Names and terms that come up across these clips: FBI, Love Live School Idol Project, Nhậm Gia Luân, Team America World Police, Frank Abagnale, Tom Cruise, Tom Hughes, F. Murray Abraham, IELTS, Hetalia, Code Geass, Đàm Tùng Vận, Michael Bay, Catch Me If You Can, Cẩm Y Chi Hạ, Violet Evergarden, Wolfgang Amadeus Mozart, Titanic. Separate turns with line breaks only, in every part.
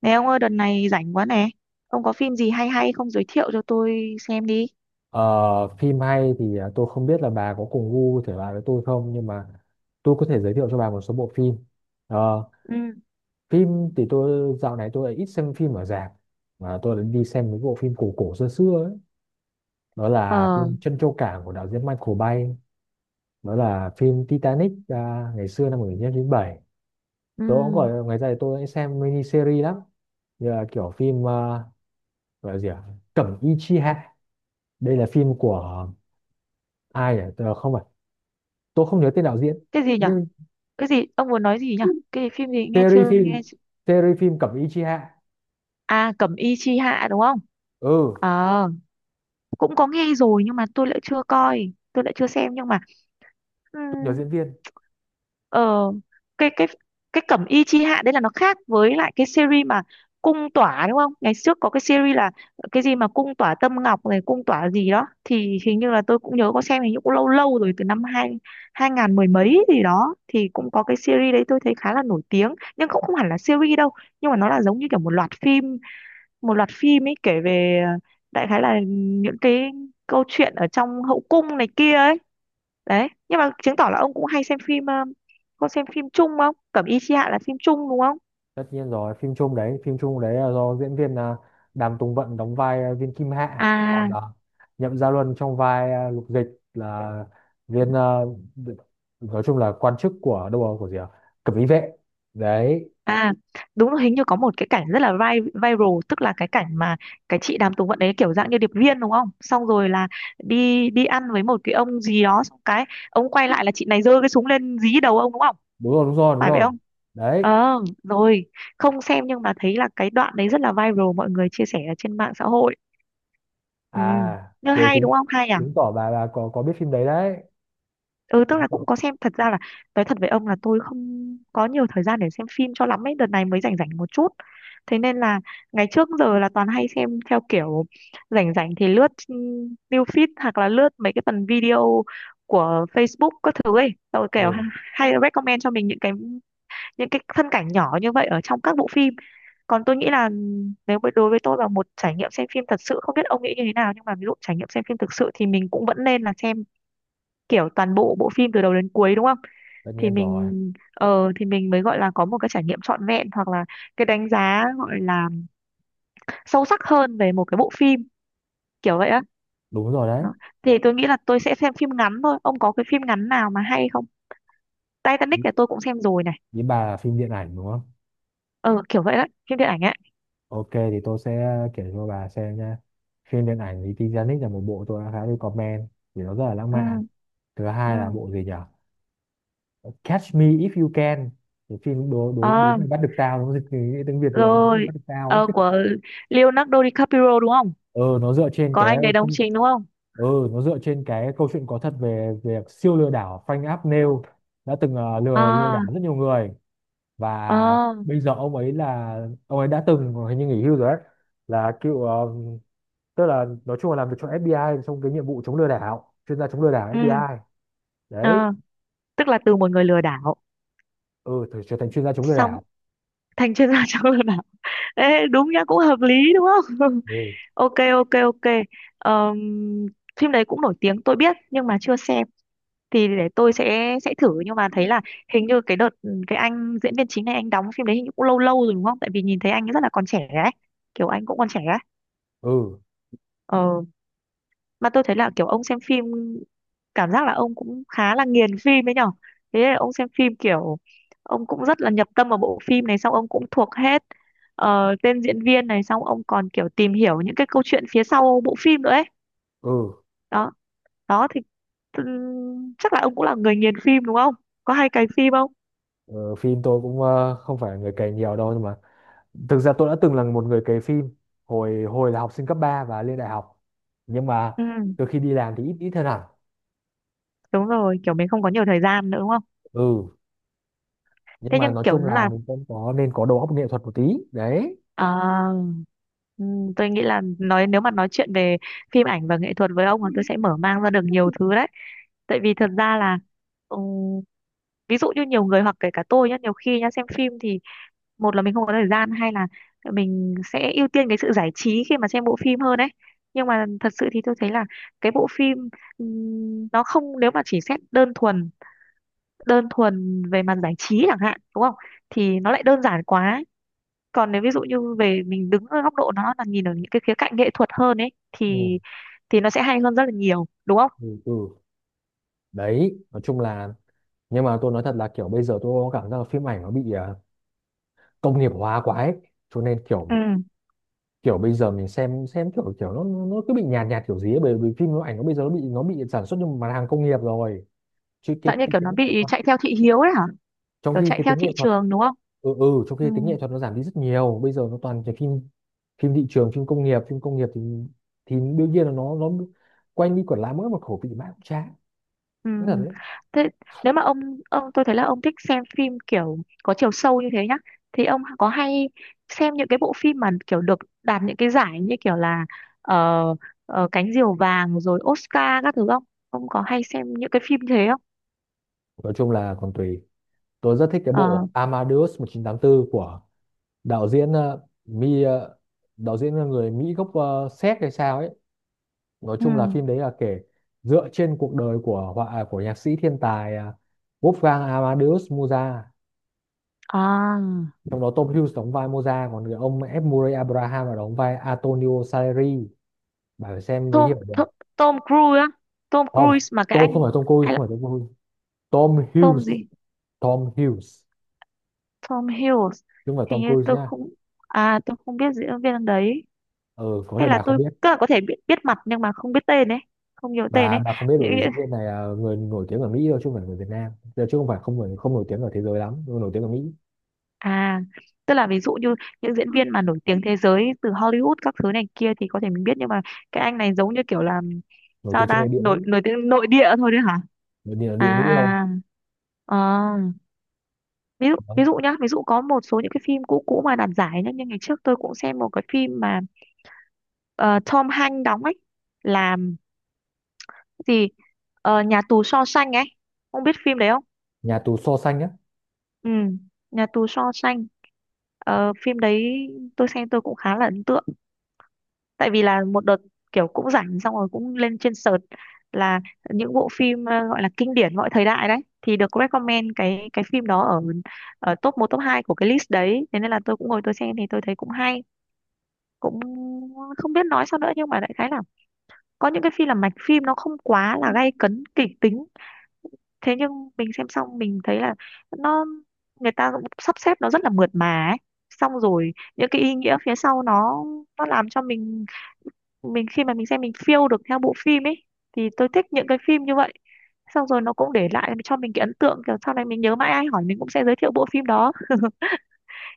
Nè ông ơi, đợt này rảnh quá nè. Ông có phim gì hay hay không, giới thiệu cho tôi xem đi.
Ờ, phim hay thì tôi không biết là bà có cùng gu thể loại với tôi không, nhưng mà tôi có thể giới thiệu cho bà một số bộ phim. Ờ,
Ừ.
phim thì tôi dạo này tôi lại ít xem phim ở rạp, mà tôi lại đi xem mấy bộ phim cổ cổ xưa xưa ấy. Đó là
Ờ.
phim Trân Châu Cảng của đạo diễn Michael Bay, đó là phim Titanic ngày xưa năm 1997. Tôi cũng
Ừ.
gọi ngày ra thì tôi hay xem mini series lắm. Như là kiểu phim gọi là gì ạ? Cẩm Y Chi Hạ. Đây là phim của ai nhỉ? Ờ, Không phải, tôi không nhớ tên đạo diễn,
Cái gì nhở?
nhưng
Cái gì? Ông muốn nói gì nhở? Cái phim gì, nghe
series
chưa
phim
nghe chưa-
series phim Cẩm Ý Chi Hạ.
À, Cẩm Y Chi Hạ đúng không?
Ừ,
Ờ, cũng có nghe rồi nhưng mà tôi lại chưa coi, tôi lại chưa xem nhưng mà ừ,
tôi nhớ diễn viên.
ờ cái cái cái Cẩm Y Chi Hạ đấy là nó khác với lại cái series mà Cung Tỏa đúng không, ngày trước có cái series là cái gì mà Cung Tỏa Tâm Ngọc này, Cung Tỏa gì đó, thì hình như là tôi cũng nhớ có xem, hình như cũng lâu lâu rồi, từ năm hai hai ngàn mười mấy gì đó thì cũng có cái series đấy, tôi thấy khá là nổi tiếng nhưng cũng không hẳn là series đâu, nhưng mà nó là giống như kiểu một loạt phim, một loạt phim ấy, kể về đại khái là những cái câu chuyện ở trong hậu cung này kia ấy đấy. Nhưng mà chứng tỏ là ông cũng hay xem phim có xem phim Trung không? Cẩm Y Chi Hạ là phim Trung đúng không?
Tất nhiên rồi, phim chung đấy là do diễn viên Đàm Tùng Vận đóng vai viên Kim Hạ, còn
À,
Nhậm Gia Luân trong vai Lục Dịch là viên nói chung là quan chức của đâu rồi, của gì à? Cẩm Ý vệ đấy.
à, đúng rồi, hình như có một cái cảnh rất là viral, tức là cái cảnh mà cái chị Đàm Tùng Vận đấy kiểu dạng như điệp viên đúng không, xong rồi là đi đi ăn với một cái ông gì đó, xong cái ông quay lại là chị này giơ cái súng lên dí đầu ông đúng không,
Đúng rồi, đúng rồi, đúng
phải vậy
rồi
không?
đấy.
Ờ, rồi, không xem nhưng mà thấy là cái đoạn đấy rất là viral, mọi người chia sẻ ở trên mạng xã hội. Ừ,
À,
nhưng
thế
hay đúng
chính,
không, hay à?
chứng tỏ bà có biết phim đấy đấy,
Ừ, tức
chứng
là
tỏ.
cũng có xem. Thật ra là nói thật với ông là tôi không có nhiều thời gian để xem phim cho lắm ấy, đợt này mới rảnh rảnh một chút, thế nên là ngày trước giờ là toàn hay xem theo kiểu rảnh rảnh thì lướt news feed hoặc là lướt mấy cái phần video của Facebook các thứ ấy, rồi kiểu
Ừ,
hay recommend cho mình những cái, những cái phân cảnh nhỏ như vậy ở trong các bộ phim. Còn tôi nghĩ là nếu đối với tôi là một trải nghiệm xem phim thật sự, không biết ông nghĩ như thế nào nhưng mà ví dụ trải nghiệm xem phim thực sự thì mình cũng vẫn nên là xem kiểu toàn bộ bộ phim từ đầu đến cuối đúng không,
tất
thì
nhiên rồi,
mình ờ thì mình mới gọi là có một cái trải nghiệm trọn vẹn, hoặc là cái đánh giá gọi là sâu sắc hơn về một cái bộ phim, kiểu vậy á.
đúng rồi đấy.
Đó, thì tôi nghĩ là tôi sẽ xem phim ngắn thôi, ông có cái phim ngắn nào mà hay không? Titanic thì tôi cũng xem rồi này.
Ý bà là phim điện ảnh đúng không?
Ờ, kiểu vậy đấy, phim điện ảnh ấy.
Ok, thì tôi sẽ kể cho bà xem nha. Phim điện ảnh thì Titanic là một bộ tôi đã khá recommend, vì nó rất là lãng
Ừ.
mạn. Thứ
Ừ.
hai là bộ gì nhỉ? Catch Me If You Can. Cái phim đố đố đố
Ờ.
mày bắt được tao, nó dịch từ tiếng Việt rồi, đố mày
Rồi.
bắt được tao
Ờ,
ấy.
của Leonardo DiCaprio đúng không,
Ừ, nó dựa trên
có
cái,
anh đấy đóng chính đúng không?
câu chuyện có thật về việc siêu lừa đảo Frank Abagnale đã từng lừa lừa
Ờ.
đảo rất nhiều người, và
Ờ.
bây giờ ông ấy là, ông ấy đã từng hình như nghỉ hưu rồi đấy, là cựu tức là nói chung là làm việc cho FBI trong cái nhiệm vụ chống lừa đảo, chuyên gia chống lừa đảo
Ừ.
FBI đấy.
Ờ, tức là từ một người lừa đảo
Ừ, thử trở thành chuyên gia chống lừa
xong
đảo.
thành chuyên gia trong lừa đảo. Ê, đúng nhá, cũng hợp lý đúng không?
Ừ,
Ok, ok, ok. Ờm, Phim đấy cũng nổi tiếng, tôi biết nhưng mà chưa xem, thì để tôi sẽ thử. Nhưng mà thấy là hình như cái đợt cái anh diễn viên chính này, anh đóng phim đấy hình như cũng lâu lâu rồi đúng không, tại vì nhìn thấy anh rất là còn trẻ ấy, kiểu anh cũng còn trẻ ấy.
ừ,
Ờ, mà tôi thấy là kiểu ông xem phim, cảm giác là ông cũng khá là nghiền phim ấy nhở. Thế là ông xem phim kiểu ông cũng rất là nhập tâm vào bộ phim này, xong ông cũng thuộc hết tên diễn viên này, xong ông còn kiểu tìm hiểu những cái câu chuyện phía sau bộ phim nữa ấy.
ừ.
Đó, đó thì chắc là ông cũng là người nghiền phim đúng không, có hay cày phim không?
Ờ, phim tôi cũng không phải người cày nhiều đâu, nhưng mà thực ra tôi đã từng là một người cày phim hồi hồi là học sinh cấp 3 và lên đại học, nhưng mà
Ừ,
từ khi đi làm thì ít ít hơn hẳn.
đúng rồi, kiểu mình không có nhiều thời gian nữa đúng không.
Ừ, nhưng
Thế
mà
nhưng
nói
kiểu
chung là
là
mình cũng có nên có đầu óc nghệ thuật một tí đấy.
À, tôi nghĩ là nói, nếu mà nói chuyện về phim ảnh và nghệ thuật với ông là tôi sẽ mở mang ra được nhiều thứ đấy. Tại vì thật ra là ừm, ví dụ như nhiều người hoặc kể cả tôi nhá, nhiều khi nhá xem phim thì một là mình không có thời gian, hay là mình sẽ ưu tiên cái sự giải trí khi mà xem bộ phim hơn ấy. Nhưng mà thật sự thì tôi thấy là cái bộ phim nó không, nếu mà chỉ xét đơn thuần, đơn thuần về mặt giải trí chẳng hạn, đúng không? Thì nó lại đơn giản quá, còn nếu ví dụ như về mình đứng ở góc độ nó là nhìn ở những cái khía cạnh nghệ thuật hơn ấy
Ừ.
thì nó sẽ hay hơn rất là nhiều đúng không.
Ừ, ừ. Đấy nói chung là, nhưng mà tôi nói thật là kiểu bây giờ tôi có cảm giác là phim ảnh nó bị công nghiệp hóa quá ấy, cho nên kiểu
Ừ.
kiểu bây giờ mình xem kiểu, nó cứ bị nhạt nhạt kiểu gì ấy, bởi vì phim nó, ảnh nó bây giờ nó bị sản xuất như một mặt hàng công nghiệp rồi, chứ cái,
Dạng như kiểu
tính
nó
nghệ
bị
thuật,
chạy theo thị hiếu ấy hả,
trong
kiểu
khi
chạy
cái
theo
tính
thị
nghệ thuật.
trường đúng không.
Ừ, ừ, trong
Ừ,
khi tính nghệ thuật nó giảm đi rất nhiều, bây giờ nó toàn cái phim, phim thị trường, phim công nghiệp thì, đương nhiên là nó quanh đi quẩn lại mỗi một khẩu vị mãi cũng chán.
ừ.
Rất là đấy.
Thế nếu mà ông, tôi thấy là ông thích xem phim kiểu có chiều sâu như thế nhá, thì ông có hay xem những cái bộ phim mà kiểu được đạt những cái giải như kiểu là ờ, Cánh Diều Vàng rồi Oscar các thứ không, ông có hay xem những cái phim thế không?
Nói chung là còn tùy. Tôi rất thích cái
Ờ.
bộ Amadeus 1984 của đạo diễn, đạo diễn là người Mỹ gốc Séc hay sao ấy. Nói
Ừ.
chung là phim đấy là kể dựa trên cuộc đời của của nhạc sĩ thiên tài Wolfgang Amadeus Mozart.
À,
Trong đó Tom Hughes đóng vai Mozart, còn người ông F. Murray Abraham là đóng vai Antonio Salieri. Bà phải xem mới
Tom,
hiểu được.
Tom Cruise á, Tom
Không,
Cruise mà cái
Tom không
anh,
phải Tom Cruise,
hay là
không phải Tom Cruise. Tom
Tom
Hughes,
gì,
Tom Hughes,
Tom Hiddleston?
chứ không phải
Hình
Tom
như
Cruise
tôi
nhá.
không, à tôi không biết diễn viên anh đấy,
Ừ, có
hay
thể
là
bà không
tôi
biết.
tức là có thể biết, mặt nhưng mà không biết tên ấy, không nhớ tên
bà
ấy.
bà không biết bởi
những,
vì
những-
diễn viên này là người nổi tiếng ở Mỹ thôi, chứ không phải người Việt Nam. Giờ chứ không phải, không nổi tiếng ở thế giới lắm, nhưng mà nổi tiếng ở Mỹ,
À, tức là ví dụ như những diễn viên mà nổi tiếng thế giới từ Hollywood các thứ này kia thì có thể mình biết, nhưng mà cái anh này giống như kiểu là
nổi
sao
tiếng trong
ta,
nội địa Mỹ.
nổi nổi tiếng nội địa thôi đấy hả?
Nội địa Mỹ thôi
À. Ờ, ví dụ,
đấy.
ví dụ nhá, ví dụ có một số những cái phim cũ cũ mà đạt giải nhá, như ngày trước tôi cũng xem một cái phim mà ờ, Tom Hanks đóng ấy, làm gì, Ờ, Nhà Tù Shawshank ấy, không biết phim đấy không?
Nhà tù xô Xanh á.
Ừ, Nhà Tù Shawshank. Ờ, phim đấy tôi xem tôi cũng khá là ấn tượng, tại vì là một đợt kiểu cũng rảnh, xong rồi cũng lên trên search là những bộ phim gọi là kinh điển mọi thời đại đấy, thì được recommend cái phim đó ở ở top một, top 2 của cái list đấy, thế nên là tôi cũng ngồi tôi xem thì tôi thấy cũng hay, cũng không biết nói sao nữa, nhưng mà đại khái là có những cái phim là mạch phim nó không quá là gay cấn kịch tính, thế nhưng mình xem xong mình thấy là nó, người ta cũng sắp xếp nó rất là mượt mà ấy, xong rồi những cái ý nghĩa phía sau nó làm cho mình, khi mà mình xem mình feel được theo bộ phim ấy, thì tôi thích những cái phim như vậy. Xong rồi nó cũng để lại cho mình cái ấn tượng kiểu sau này mình nhớ mãi, ai hỏi mình cũng sẽ giới thiệu bộ phim đó.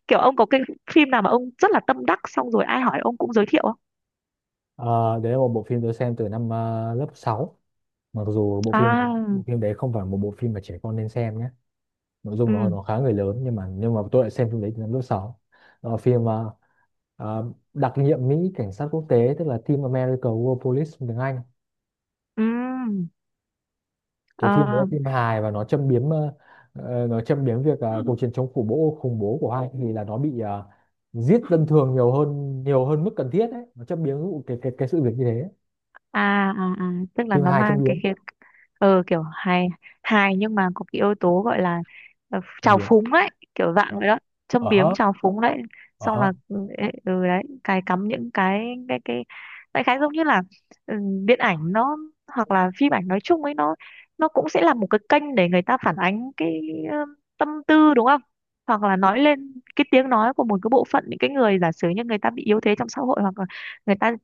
Kiểu ông có cái phim nào mà ông rất là tâm đắc, xong rồi ai hỏi ông cũng giới thiệu không?
Ờ, đấy là một bộ phim tôi xem từ năm lớp sáu, mặc dù bộ phim,
À.
đấy không phải một bộ phim mà trẻ con nên xem nhé, nội dung
Ừ.
nó khá người lớn, nhưng mà tôi lại xem phim đấy từ năm lớp sáu. Ờ, phim đặc nhiệm Mỹ cảnh sát quốc tế, tức là Team America World Police tiếng Anh.
Ừ.
Cái phim đấy là
Ờ.
phim hài và nó châm biếm, nó châm biếm việc cuộc chiến chống khủng bố, của hoa thì là nó bị giết dân thường, nhiều hơn mức cần thiết đấy, nó châm biếm vụ cái sự việc như thế.
À, tức là
Phim
nó
hài châm
mang cái
biếm,
khía, ờ kiểu hài, hài nhưng mà có cái yếu tố gọi là
châm
trào
biếm.
phúng ấy, kiểu
Ờ,
dạng vậy đó, châm
ờ
biếm
hớ,
trào phúng đấy.
ờ
Xong
hớ.
là ừ ấy, ừ, đấy, cài cắm những cái, cái đại khái giống như là ừ, điện ảnh nó hoặc là phim ảnh nói chung ấy, nó cũng sẽ là một cái kênh để người ta phản ánh cái ờ, tâm tư đúng không, hoặc là nói lên cái tiếng nói của một cái bộ phận những cái người giả sử như người ta bị yếu thế trong xã hội, hoặc là người ta,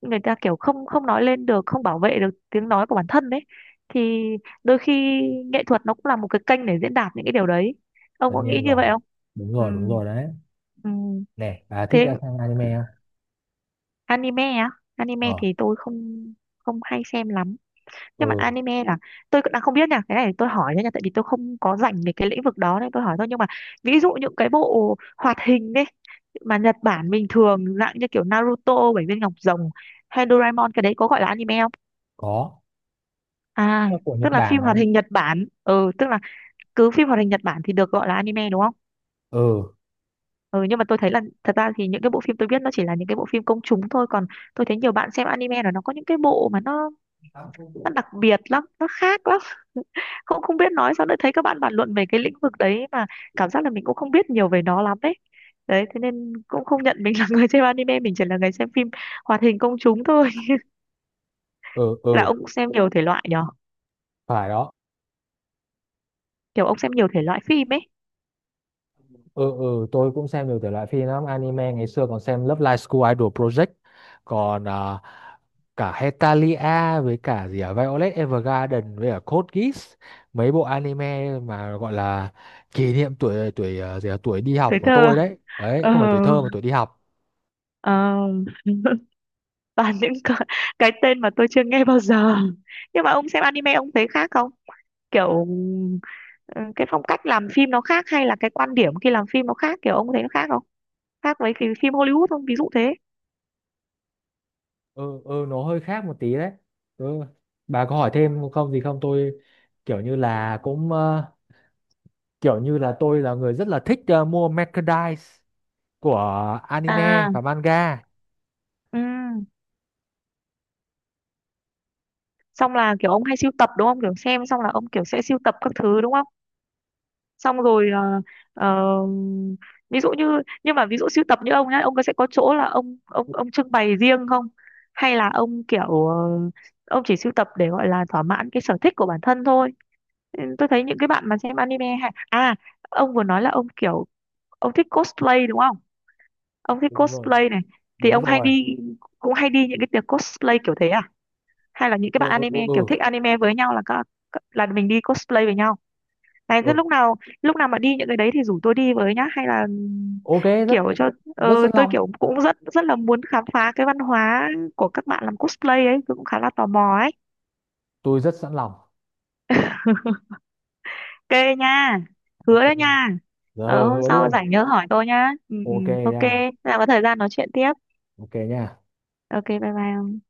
người ta kiểu không, nói lên được, không bảo vệ được tiếng nói của bản thân đấy, thì đôi khi nghệ thuật nó cũng là một cái kênh để diễn đạt những cái điều đấy, ông
Tất
có nghĩ
nhiên
như
rồi,
vậy không?
đúng
Ừ,
rồi, đúng rồi đấy.
ừ.
Nè, bà thích
Thế
ra xem anime không?
anime á, anime
Ờ,
thì tôi không, không hay xem lắm. Nhưng mà
ừ,
anime là tôi cũng đang không biết nha, cái này tôi hỏi thôi nha, tại vì tôi không có rảnh về cái lĩnh vực đó nên tôi hỏi thôi, nhưng mà ví dụ những cái bộ hoạt hình đấy mà Nhật Bản bình thường, dạng như kiểu Naruto, Bảy Viên Ngọc Rồng hay Doraemon, cái đấy có gọi là anime không?
có,
À,
nó của Nhật
tức là phim
Bản mà.
hoạt hình Nhật Bản, ừ tức là cứ phim hoạt hình Nhật Bản thì được gọi là anime đúng không?
Ừ,
Ừ, nhưng mà tôi thấy là thật ra thì những cái bộ phim tôi biết nó chỉ là những cái bộ phim công chúng thôi, còn tôi thấy nhiều bạn xem anime là nó có những cái bộ mà nó, đặc biệt lắm, nó khác lắm, không, không biết nói sao nữa, thấy các bạn bàn luận về cái lĩnh vực đấy mà cảm giác là mình cũng không biết nhiều về nó lắm đấy. Đấy thế nên cũng không nhận mình là người xem anime, mình chỉ là người xem phim hoạt hình công chúng thôi.
ừ,
Là
ừ,
ông xem nhiều thể loại nhở,
phải rồi.
kiểu ông xem nhiều thể loại phim ấy.
Ừ, ừ, tôi cũng xem nhiều thể loại phim lắm, anime ngày xưa còn xem Love Live School Idol Project, còn cả Hetalia với cả gì Violet Evergarden với cả Code Geass, mấy bộ anime mà gọi là kỷ niệm tuổi tuổi tuổi đi học
Tuổi
của
thơ à?
tôi đấy, đấy
Ờ.
không phải tuổi thơ mà tuổi đi học.
Ờ. Toàn những cái tên mà tôi chưa nghe bao giờ. Nhưng mà ông xem anime ông thấy khác không, kiểu ừ, cái phong cách làm phim nó khác, hay là cái quan điểm khi làm phim nó khác, kiểu ông thấy nó khác không, khác với cái phim Hollywood không, ví dụ thế.
Ừ, ừ, nó hơi khác một tí đấy. Ừ. Bà có hỏi thêm không, gì không? Tôi kiểu như là cũng kiểu như là tôi là người rất là thích mua merchandise của anime
À,
và manga.
ừ. Xong là kiểu ông hay sưu tập đúng không, kiểu xem xong là ông kiểu sẽ sưu tập các thứ đúng không? Xong rồi ờ, ví dụ như, nhưng mà ví dụ sưu tập như ông nhá, ông có sẽ có chỗ là ông, ông trưng bày riêng không, hay là ông kiểu ông chỉ sưu tập để gọi là thỏa mãn cái sở thích của bản thân thôi. Ừ, tôi thấy những cái bạn mà xem anime hay à, ông vừa nói là ông kiểu ông thích cosplay đúng không, ông thích
Đúng rồi,
cosplay này, thì
đúng
ông hay
rồi.
đi, cũng hay đi những cái tiệc cosplay kiểu thế à, hay là những cái
Ừ,
bạn
ừ, ừ,
anime kiểu
ừ,
thích anime với nhau là các, là mình đi cosplay với nhau này. Thế
ừ.
lúc nào, mà đi những cái đấy thì rủ tôi đi với nhá, hay là
Ok, rất,
kiểu cho ờ,
rất sẵn
tôi
lòng
kiểu cũng rất rất là muốn khám phá cái văn hóa của các bạn làm cosplay ấy, tôi cũng khá là tò mò ấy.
tôi rất sẵn lòng.
Ok nha. Hứa
Ok.
đấy nha.
Giờ
Ờ
hứa
hôm
hứa
sau
luôn.
rảnh nhớ hỏi tôi nhá. Ừ, ừ,
Ok
ok,
nha.
thế là có thời gian nói chuyện tiếp.
Ok nha.
Ok, bye bye.